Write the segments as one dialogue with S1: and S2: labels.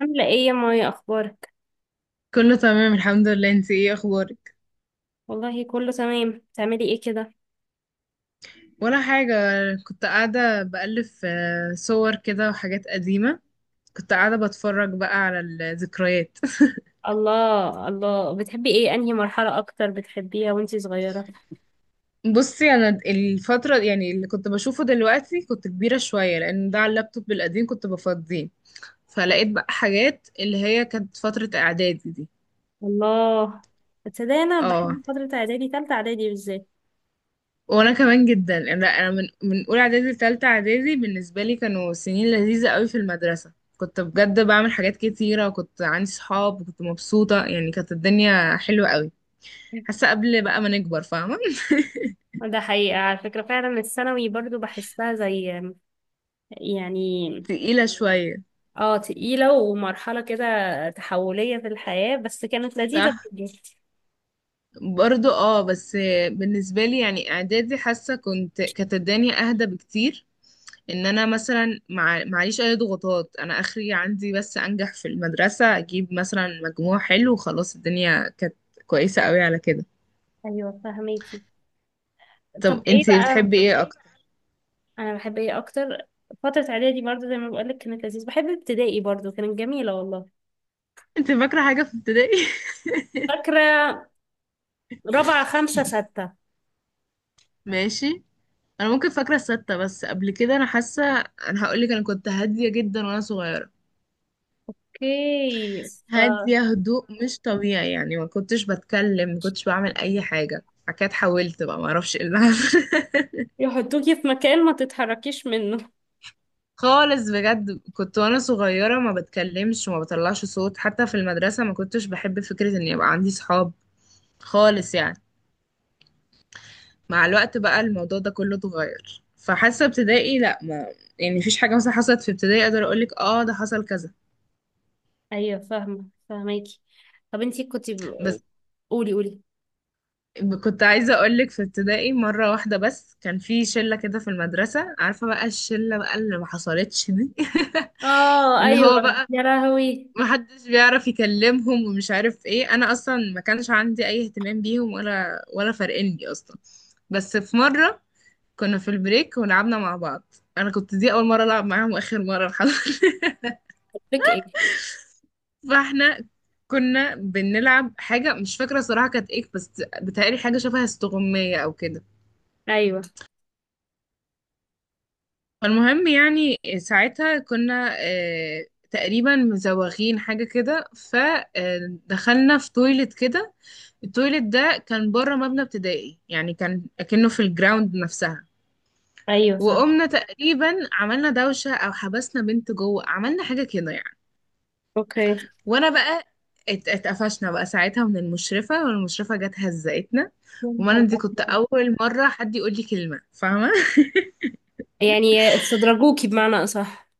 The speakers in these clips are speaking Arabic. S1: عاملة ايه يا مايا، اخبارك؟
S2: كله تمام، الحمد لله. انت ايه اخبارك؟
S1: والله كله تمام. بتعملي ايه كده؟
S2: ولا حاجة. كنت قاعدة بألف في صور كده وحاجات قديمة. كنت قاعدة بتفرج بقى على الذكريات.
S1: الله الله، بتحبي ايه؟ انهي مرحلة اكتر بتحبيها وانتي صغيرة؟
S2: بصي، انا الفترة يعني اللي كنت بشوفه دلوقتي كنت كبيرة شوية، لان ده على اللابتوب القديم كنت بفضيه، فلقيت بقى حاجات اللي هي كانت فترة اعدادي دي.
S1: الله. تصدقي انا
S2: اه،
S1: بحب فترة اعدادي، تالتة اعدادي بالذات.
S2: وانا كمان جدا. انا من اولى اعدادي لتالتة اعدادي، بالنسبه لي كانوا سنين لذيذه قوي. في المدرسه كنت بجد بعمل حاجات كتيره، وكنت عندي صحاب، وكنت مبسوطه، يعني كانت الدنيا حلوه قوي. حاسه قبل بقى ما نكبر، فاهمه؟
S1: ده حقيقة، على فكرة فعلا الثانوي برضو بحسها زي يعني.
S2: تقيله شويه.
S1: اه، تقيلة ومرحلة كده تحولية في الحياة، بس كانت لذيذة
S2: صح،
S1: بجد.
S2: برضو اه بس بالنسبه لي يعني اعدادي حاسه كنت كانت الدنيا اهدى بكتير. ان انا مثلا معيش اي ضغوطات، انا اخري عندي بس انجح في المدرسة، اجيب مثلا مجموع حلو، وخلاص الدنيا كانت كويسة قوي على كده.
S1: ايوه، فهميكي. طب
S2: طب
S1: ايه
S2: انتي
S1: بقى؟
S2: بتحبي ايه اكتر؟
S1: انا بحب ايه اكتر؟ فترة اعدادي برضه، زي ما بقولك كانت لذيذة. بحب ابتدائي برضه، كانت جميلة والله.
S2: انت فاكرة حاجة في ابتدائي؟
S1: فاكرة. رابعة، خمسة، ستة.
S2: ماشي. انا ممكن فاكرة الستة، بس قبل كده انا حاسة انا هقولك انا كنت هادية جدا وانا صغيرة.
S1: اوكي. ف
S2: هادية هدوء مش طبيعي، يعني ما كنتش بتكلم، ما كنتش بعمل اي حاجة. بعد كده اتحولت بقى، ما اعرفش ايه اللي حصل.
S1: يحطوكي في مكان ما تتحركيش منه.
S2: خالص بجد، كنت وانا صغيرة ما بتكلمش وما بطلعش صوت، حتى في المدرسة ما كنتش بحب فكرة ان يبقى عندي صحاب خالص يعني. مع الوقت بقى الموضوع ده كله اتغير، فحاسة ابتدائي لا ما يعني مفيش حاجة مثلا حصلت في ابتدائي اقدر اقولك اه ده حصل كذا.
S1: ايوه، فاهمة فاهماكي. طب انتي كنتي.
S2: بس
S1: قولي، قولي.
S2: كنت عايزة اقولك، في ابتدائي مرة واحدة بس كان في شلة كده في المدرسة، عارفة بقى الشلة بقى اللي ما حصلتش دي.
S1: اه،
S2: اللي
S1: ايوه.
S2: هو بقى
S1: يا لهوي.
S2: محدش بيعرف يكلمهم ومش عارف ايه، انا اصلا ما كانش عندي اي اهتمام بيهم ولا فارقني اصلا. بس في مره كنا في البريك ولعبنا مع بعض، انا كنت دي اول مره العب معاهم واخر مره، الحمد لله.
S1: بك ايه؟
S2: فاحنا كنا بنلعب حاجه مش فاكره صراحه كانت ايه، بس بتهيألي حاجه شبه استغمايه او كده.
S1: ايوه،
S2: فالمهم يعني ساعتها كنا تقريبا مزوغين حاجه كده، فدخلنا في تويلت كده. التويليت ده كان بره مبنى ابتدائي، يعني كان اكنه في الجراوند نفسها.
S1: ايوه، فاهمة.
S2: وقمنا تقريبا عملنا دوشة او حبسنا بنت جوه، عملنا حاجة كده يعني.
S1: اوكي، يا
S2: وانا بقى اتقفشنا بقى ساعتها من المشرفة، والمشرفة جت هزقتنا. وانا
S1: نهار
S2: دي كنت اول مرة حد يقول لي كلمة، فاهمة؟
S1: أبيض. يعني استدرجوكي، بمعنى اصح.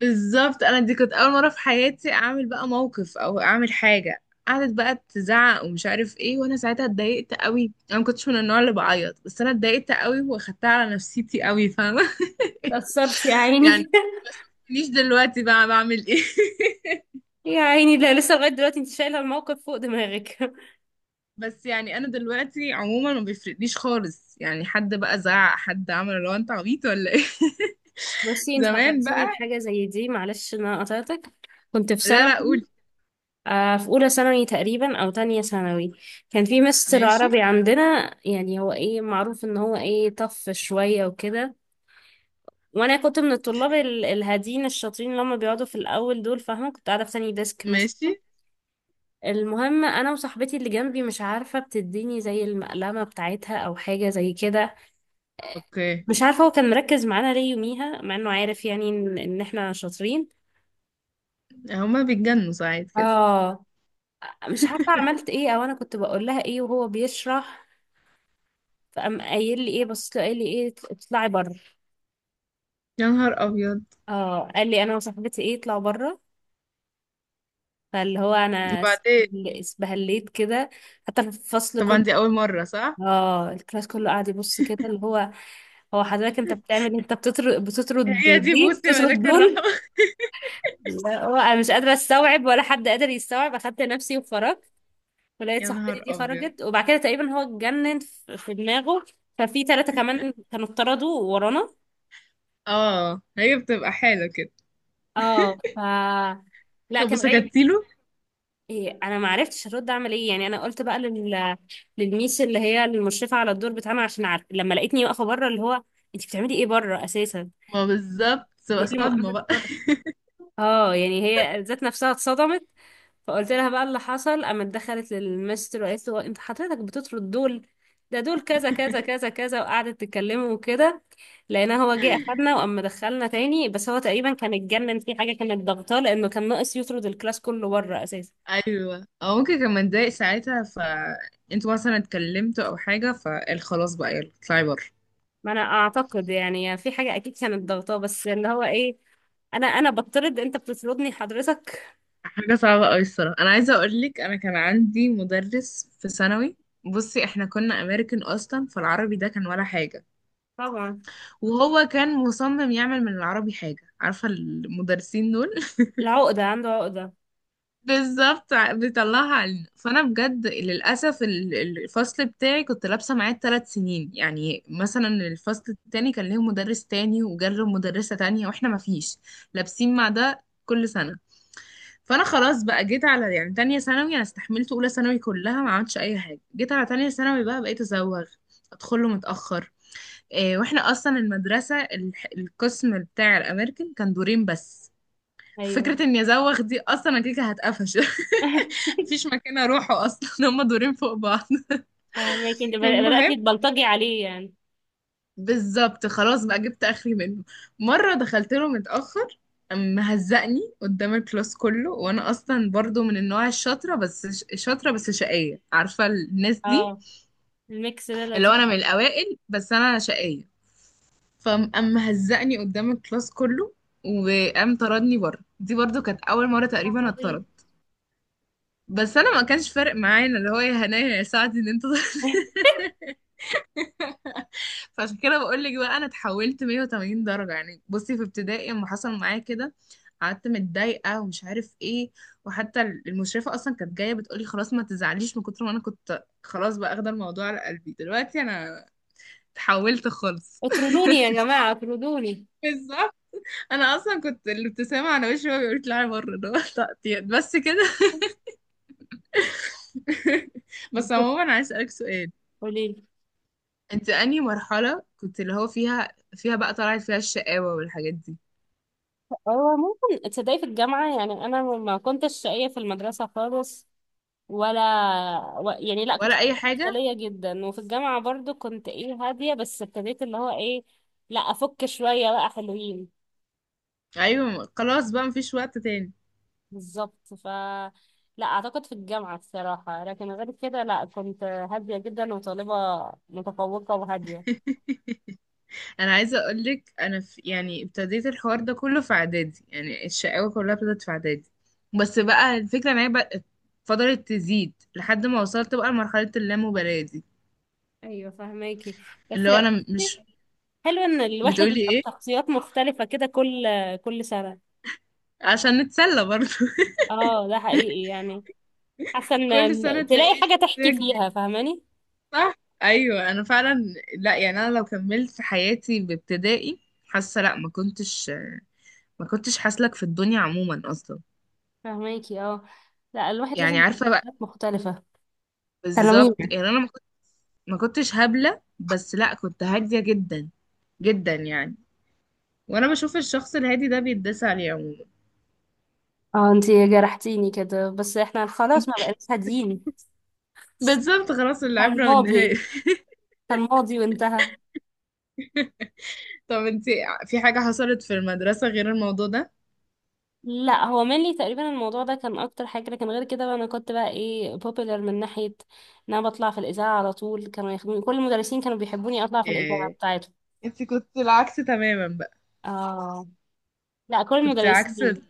S2: بالظبط، انا دي كنت اول مره في حياتي اعمل بقى موقف او اعمل حاجه، قعدت بقى تزعق ومش عارف ايه. وانا ساعتها اتضايقت قوي، انا ما كنتش من النوع اللي بعيط، بس انا اتضايقت قوي واخدتها على نفسيتي قوي، فاهمه؟
S1: تأثرتي يا
S2: يعني
S1: عيني.
S2: ما شفتنيش دلوقتي بقى بعمل ايه.
S1: يا عيني، لا لسه لغاية دلوقتي انت شايلة الموقف فوق دماغك.
S2: بس يعني انا دلوقتي عموما ما بيفرقليش خالص، يعني حد بقى زعق، حد عمل اللي هو انت عبيط ولا ايه.
S1: بصي، انت
S2: زمان
S1: فكرتيني
S2: بقى.
S1: بحاجة زي دي. معلش ان انا قطعتك. كنت في
S2: لا
S1: سنة
S2: لا، قول.
S1: في أولى ثانوي تقريبا أو تانية ثانوي. كان في مستر
S2: ماشي.
S1: عربي عندنا، يعني هو إيه معروف إن هو إيه طف شوية وكده. وأنا كنت من الطلاب الهادين الشاطرين اللي هم بيقعدوا في الأول دول، فاهمة؟ كنت قاعدة في تاني ديسك مثلا.
S2: ماشي.
S1: المهم أنا وصاحبتي اللي جنبي، مش عارفة بتديني زي المقلمة بتاعتها أو حاجة زي كده.
S2: اوكي.
S1: مش عارفة هو كان مركز معانا ليه يوميها، مع إنه عارف يعني إن إحنا شاطرين.
S2: هما بيتجنوا ساعات كده.
S1: اه. مش عارفة عملت ايه او انا كنت بقول لها ايه وهو بيشرح. فقام قايل لي ايه، بصيت له قايل لي ايه، اطلعي بره.
S2: يا نهار ابيض.
S1: اه، قال لي انا وصاحبتي ايه، اطلعوا بره. فاللي هو انا اس-
S2: وبعدين؟
S1: اسبهليت كده، حتى في الفصل
S2: طبعا
S1: كله.
S2: دي اول مرة، صح.
S1: اه الكلاس كله قاعد يبص كده، اللي هو: هو حضرتك انت بتعمل إيه؟ انت بتطرد، بتطرد؟
S2: هي دي
S1: دي
S2: بوسي
S1: بتطرد
S2: ملاك الرحمة.
S1: دول؟ لا، هو انا مش قادرة استوعب، ولا حد قادر يستوعب. اخدت نفسي وخرجت، ولقيت
S2: يا
S1: صاحبتي
S2: نهار
S1: دي
S2: ابيض.
S1: خرجت. وبعد كده تقريبا هو اتجنن في دماغه، ففي ثلاثة كمان كانوا اتطردوا ورانا.
S2: اه، هي بتبقى حالة كده.
S1: اه لا
S2: طب
S1: كان غايب.
S2: وسكتيله؟
S1: إيه، انا ما عرفتش ارد اعمل ايه. يعني انا قلت بقى للميس اللي هي المشرفه على الدور بتاعنا، عشان عارف لما لقيتني واقفه بره اللي هو: انت بتعملي ايه بره اساسا،
S2: ما بالظبط
S1: انت
S2: تبقى
S1: ايه اللي
S2: صدمة
S1: موقفك
S2: بقى.
S1: بره؟ اه يعني هي ذات نفسها اتصدمت. فقلت لها بقى اللي حصل، قامت دخلت للمستر وقالت له: انت حضرتك بتطرد دول؟ ده دول كذا كذا كذا كذا. وقعدت تكلمه وكده. لقينا هو جه اخدنا وقام دخلنا تاني، بس هو تقريبا كان اتجنن في حاجه كانت ضغطاه، لانه كان ناقص يطرد الكلاس كله بره اساسا.
S2: ايوه، او ممكن كان متضايق ساعتها، ف انتوا مثلا اتكلمتوا او حاجة فقال خلاص بقى يلا اطلعي بره.
S1: ما انا اعتقد يعني في حاجه اكيد كانت ضغطاه، بس اللي هو ايه، انا بطرد؟ انت بتطردني حضرتك؟
S2: حاجة صعبة أوي الصراحة. أنا عايزة أقولك، أنا كان عندي مدرس في ثانوي. بصي، احنا كنا أمريكان أصلا، فالعربي ده كان ولا حاجة.
S1: طبعا،
S2: وهو كان مصمم يعمل من العربي حاجة، عارفة المدرسين دول؟
S1: العقده عنده عقده.
S2: بالظبط. بيطلعها علينا. فانا بجد للاسف الفصل بتاعي كنت لابسه معاه ثلاث سنين، يعني مثلا الفصل التاني كان ليه مدرس تاني وجاله مدرسه تانية، واحنا ما فيش لابسين مع ده كل سنه. فانا خلاص بقى جيت على يعني تانية ثانوي، انا استحملت اولى ثانوي كلها ما عملتش اي حاجه، جيت على تانية ثانوي بقى بقيت ازوغ، ادخله متاخر. واحنا اصلا المدرسه القسم بتاع الامريكان كان دورين بس،
S1: ايوه.
S2: فكره اني ازوغ دي اصلا انا كده كده هتقفش. مفيش مكان اروحه اصلا. هما دورين فوق بعض.
S1: فهماكي، انت بدأ-
S2: المهم،
S1: بدأتي تبلطجي عليه يعني.
S2: بالظبط خلاص بقى جبت اخري منه. مره دخلت له متاخر، قام مهزقني قدام الكلاس كله، وانا اصلا برضو من النوع الشاطره بس شاطره بس شقيه، عارفه الناس دي؟
S1: اه، الميكس ده
S2: اللي هو
S1: لذيذ.
S2: انا من الاوائل بس انا شقيه. فقام مهزقني قدام الكلاس كله وقام طردني بره، دي برضو كانت اول مره تقريبا
S1: عبيط.
S2: اتطرد. بس انا ما كانش فارق معايا، إن اللي هو يا هنايا يا سعدي ان انت. فعشان كده بقول لك بقى انا اتحولت 180 درجه. يعني بصي، في ابتدائي لما حصل معايا كده قعدت متضايقه ومش عارف ايه، وحتى المشرفه اصلا كانت جايه بتقولي خلاص ما تزعليش، من كتر ما انا كنت خلاص بقى اخده الموضوع على قلبي. دلوقتي انا اتحولت خالص.
S1: اطردوني يا جماعة، اطردوني.
S2: بالظبط. انا اصلا كنت الابتسامه على وشي وهو بيقول طلعي بره، اللي هو تقطيع. بس كده. بس عموما، عايز اسالك سؤال،
S1: قولي لي.
S2: انت انهي مرحله كنت اللي هو فيها بقى طلعت فيها الشقاوه والحاجات دي؟
S1: هو ممكن تصدقي في الجامعة، يعني أنا ما كنتش شقية في المدرسة خالص، ولا يعني، لا كنت
S2: ولا اي حاجه.
S1: مفصلية جدا. وفي الجامعة برضو كنت ايه، هادية، بس ابتديت اللي هو ايه، لا أفك شوية بقى حلوين.
S2: ايوه، خلاص بقى مفيش وقت تاني.
S1: بالظبط لا أعتقد في الجامعة الصراحة، لكن غير كده لا كنت هادية جدا، وطالبة متفوقة وهادية.
S2: انا عايزه اقول لك، انا في يعني ابتديت الحوار ده كله في اعدادي، يعني الشقاوه كلها ابتدت في اعدادي، بس بقى الفكره ان هي بقى فضلت تزيد لحد ما وصلت بقى لمرحله اللامبالاه دي.
S1: ايوه، فهماكي. بس
S2: اللي هو انا مش
S1: حلو ان الواحد
S2: بتقولي
S1: يبقى
S2: ايه؟
S1: بشخصيات مختلفة كده، كل سنة.
S2: عشان نتسلى برضه
S1: اه ده حقيقي يعني، حاسة
S2: كل سنة
S1: ان تلاقي
S2: تلاقي
S1: حاجة
S2: شخصية
S1: تحكي
S2: جديدة،
S1: فيها، فاهماني؟
S2: صح؟ أيوة أنا فعلا. لا يعني أنا لو كملت حياتي بابتدائي، حاسة لا ما كنتش حاسلك في الدنيا عموما أصلا.
S1: فاهماكي اه. لا، الواحد لازم
S2: يعني
S1: يبقى
S2: عارفة بقى،
S1: بشخصيات مختلفة. تلاميذ.
S2: بالظبط يعني. أنا ما كنت- ما كنتش هبلة، بس لا كنت هادية جدا جدا يعني. وأنا بشوف الشخص الهادي ده بيتداس عليه عموما.
S1: اه، انتي جرحتيني كده، بس احنا خلاص ما بقيناش هاديين.
S2: بالظبط، خلاص،
S1: كان
S2: العبرة بالنهاية.
S1: ماضي، كان ماضي وانتهى.
S2: طب انتي، في حاجة حصلت في المدرسة غير الموضوع ده؟
S1: لا هو mainly تقريبا الموضوع ده كان اكتر حاجه، لكن غير كده بقى انا كنت بقى ايه popular، من ناحيه ان انا بطلع في الاذاعه على طول، كانوا ياخدوني كل المدرسين كانوا بيحبوني اطلع في الاذاعه
S2: إيه.
S1: بتاعتهم.
S2: انتي كنت العكس تماما بقى.
S1: اه، لا، كل
S2: كنت عكس.
S1: المدرسين.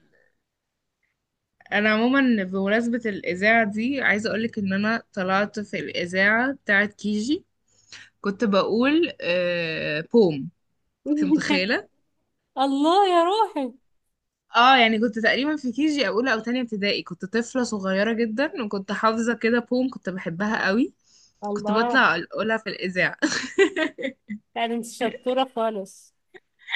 S2: انا عموما بمناسبة الاذاعة دي عايزة اقولك، ان انا طلعت في الاذاعة بتاعت كيجي، كنت بقول آه بوم، انت متخيلة؟
S1: الله يا روحي.
S2: اه يعني كنت تقريبا في كيجي اولى او تانية ابتدائي، كنت طفلة صغيرة جدا وكنت حافظة كده بوم، كنت بحبها قوي، كنت
S1: الله.
S2: بطلع اقولها في الاذاعة.
S1: لا ده انت شطورة خالص.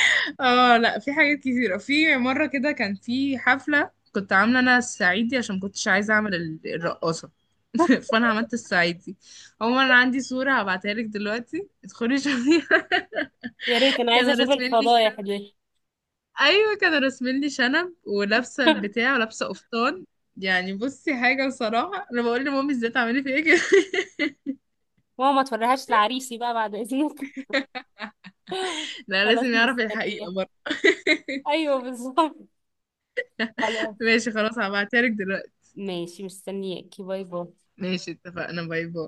S2: اه، لا في حاجات كتيرة. في مرة كده كان في حفلة، كنت عاملة انا الصعيدي عشان كنتش عايزة اعمل الرقاصة. فانا عملت الصعيدي. عموما انا عندي صوره هبعتها لك دلوقتي، ادخلي شوفيها.
S1: يا ريت انا عايزة
S2: كانوا
S1: اشوف
S2: راسمين لي
S1: الفضايح
S2: شنب.
S1: دي.
S2: ايوه كانوا راسمين لي شنب، ولابسه البتاع ولابسه قفطان، يعني. بصي حاجه بصراحه، انا بقول لمامي ازاي تعملي فيا كده.
S1: ماما ما توريهاش لعريسي بقى بعد اذنك.
S2: لا
S1: خلاص
S2: لازم يعرف الحقيقه
S1: مستنية.
S2: برضه.
S1: ايوه بالظبط، خلاص.
S2: ماشي، خلاص، هبعتها لك دلوقتي.
S1: ماشي، مستنياكي، باي باي.
S2: ماشي، اتفقنا، باي باي.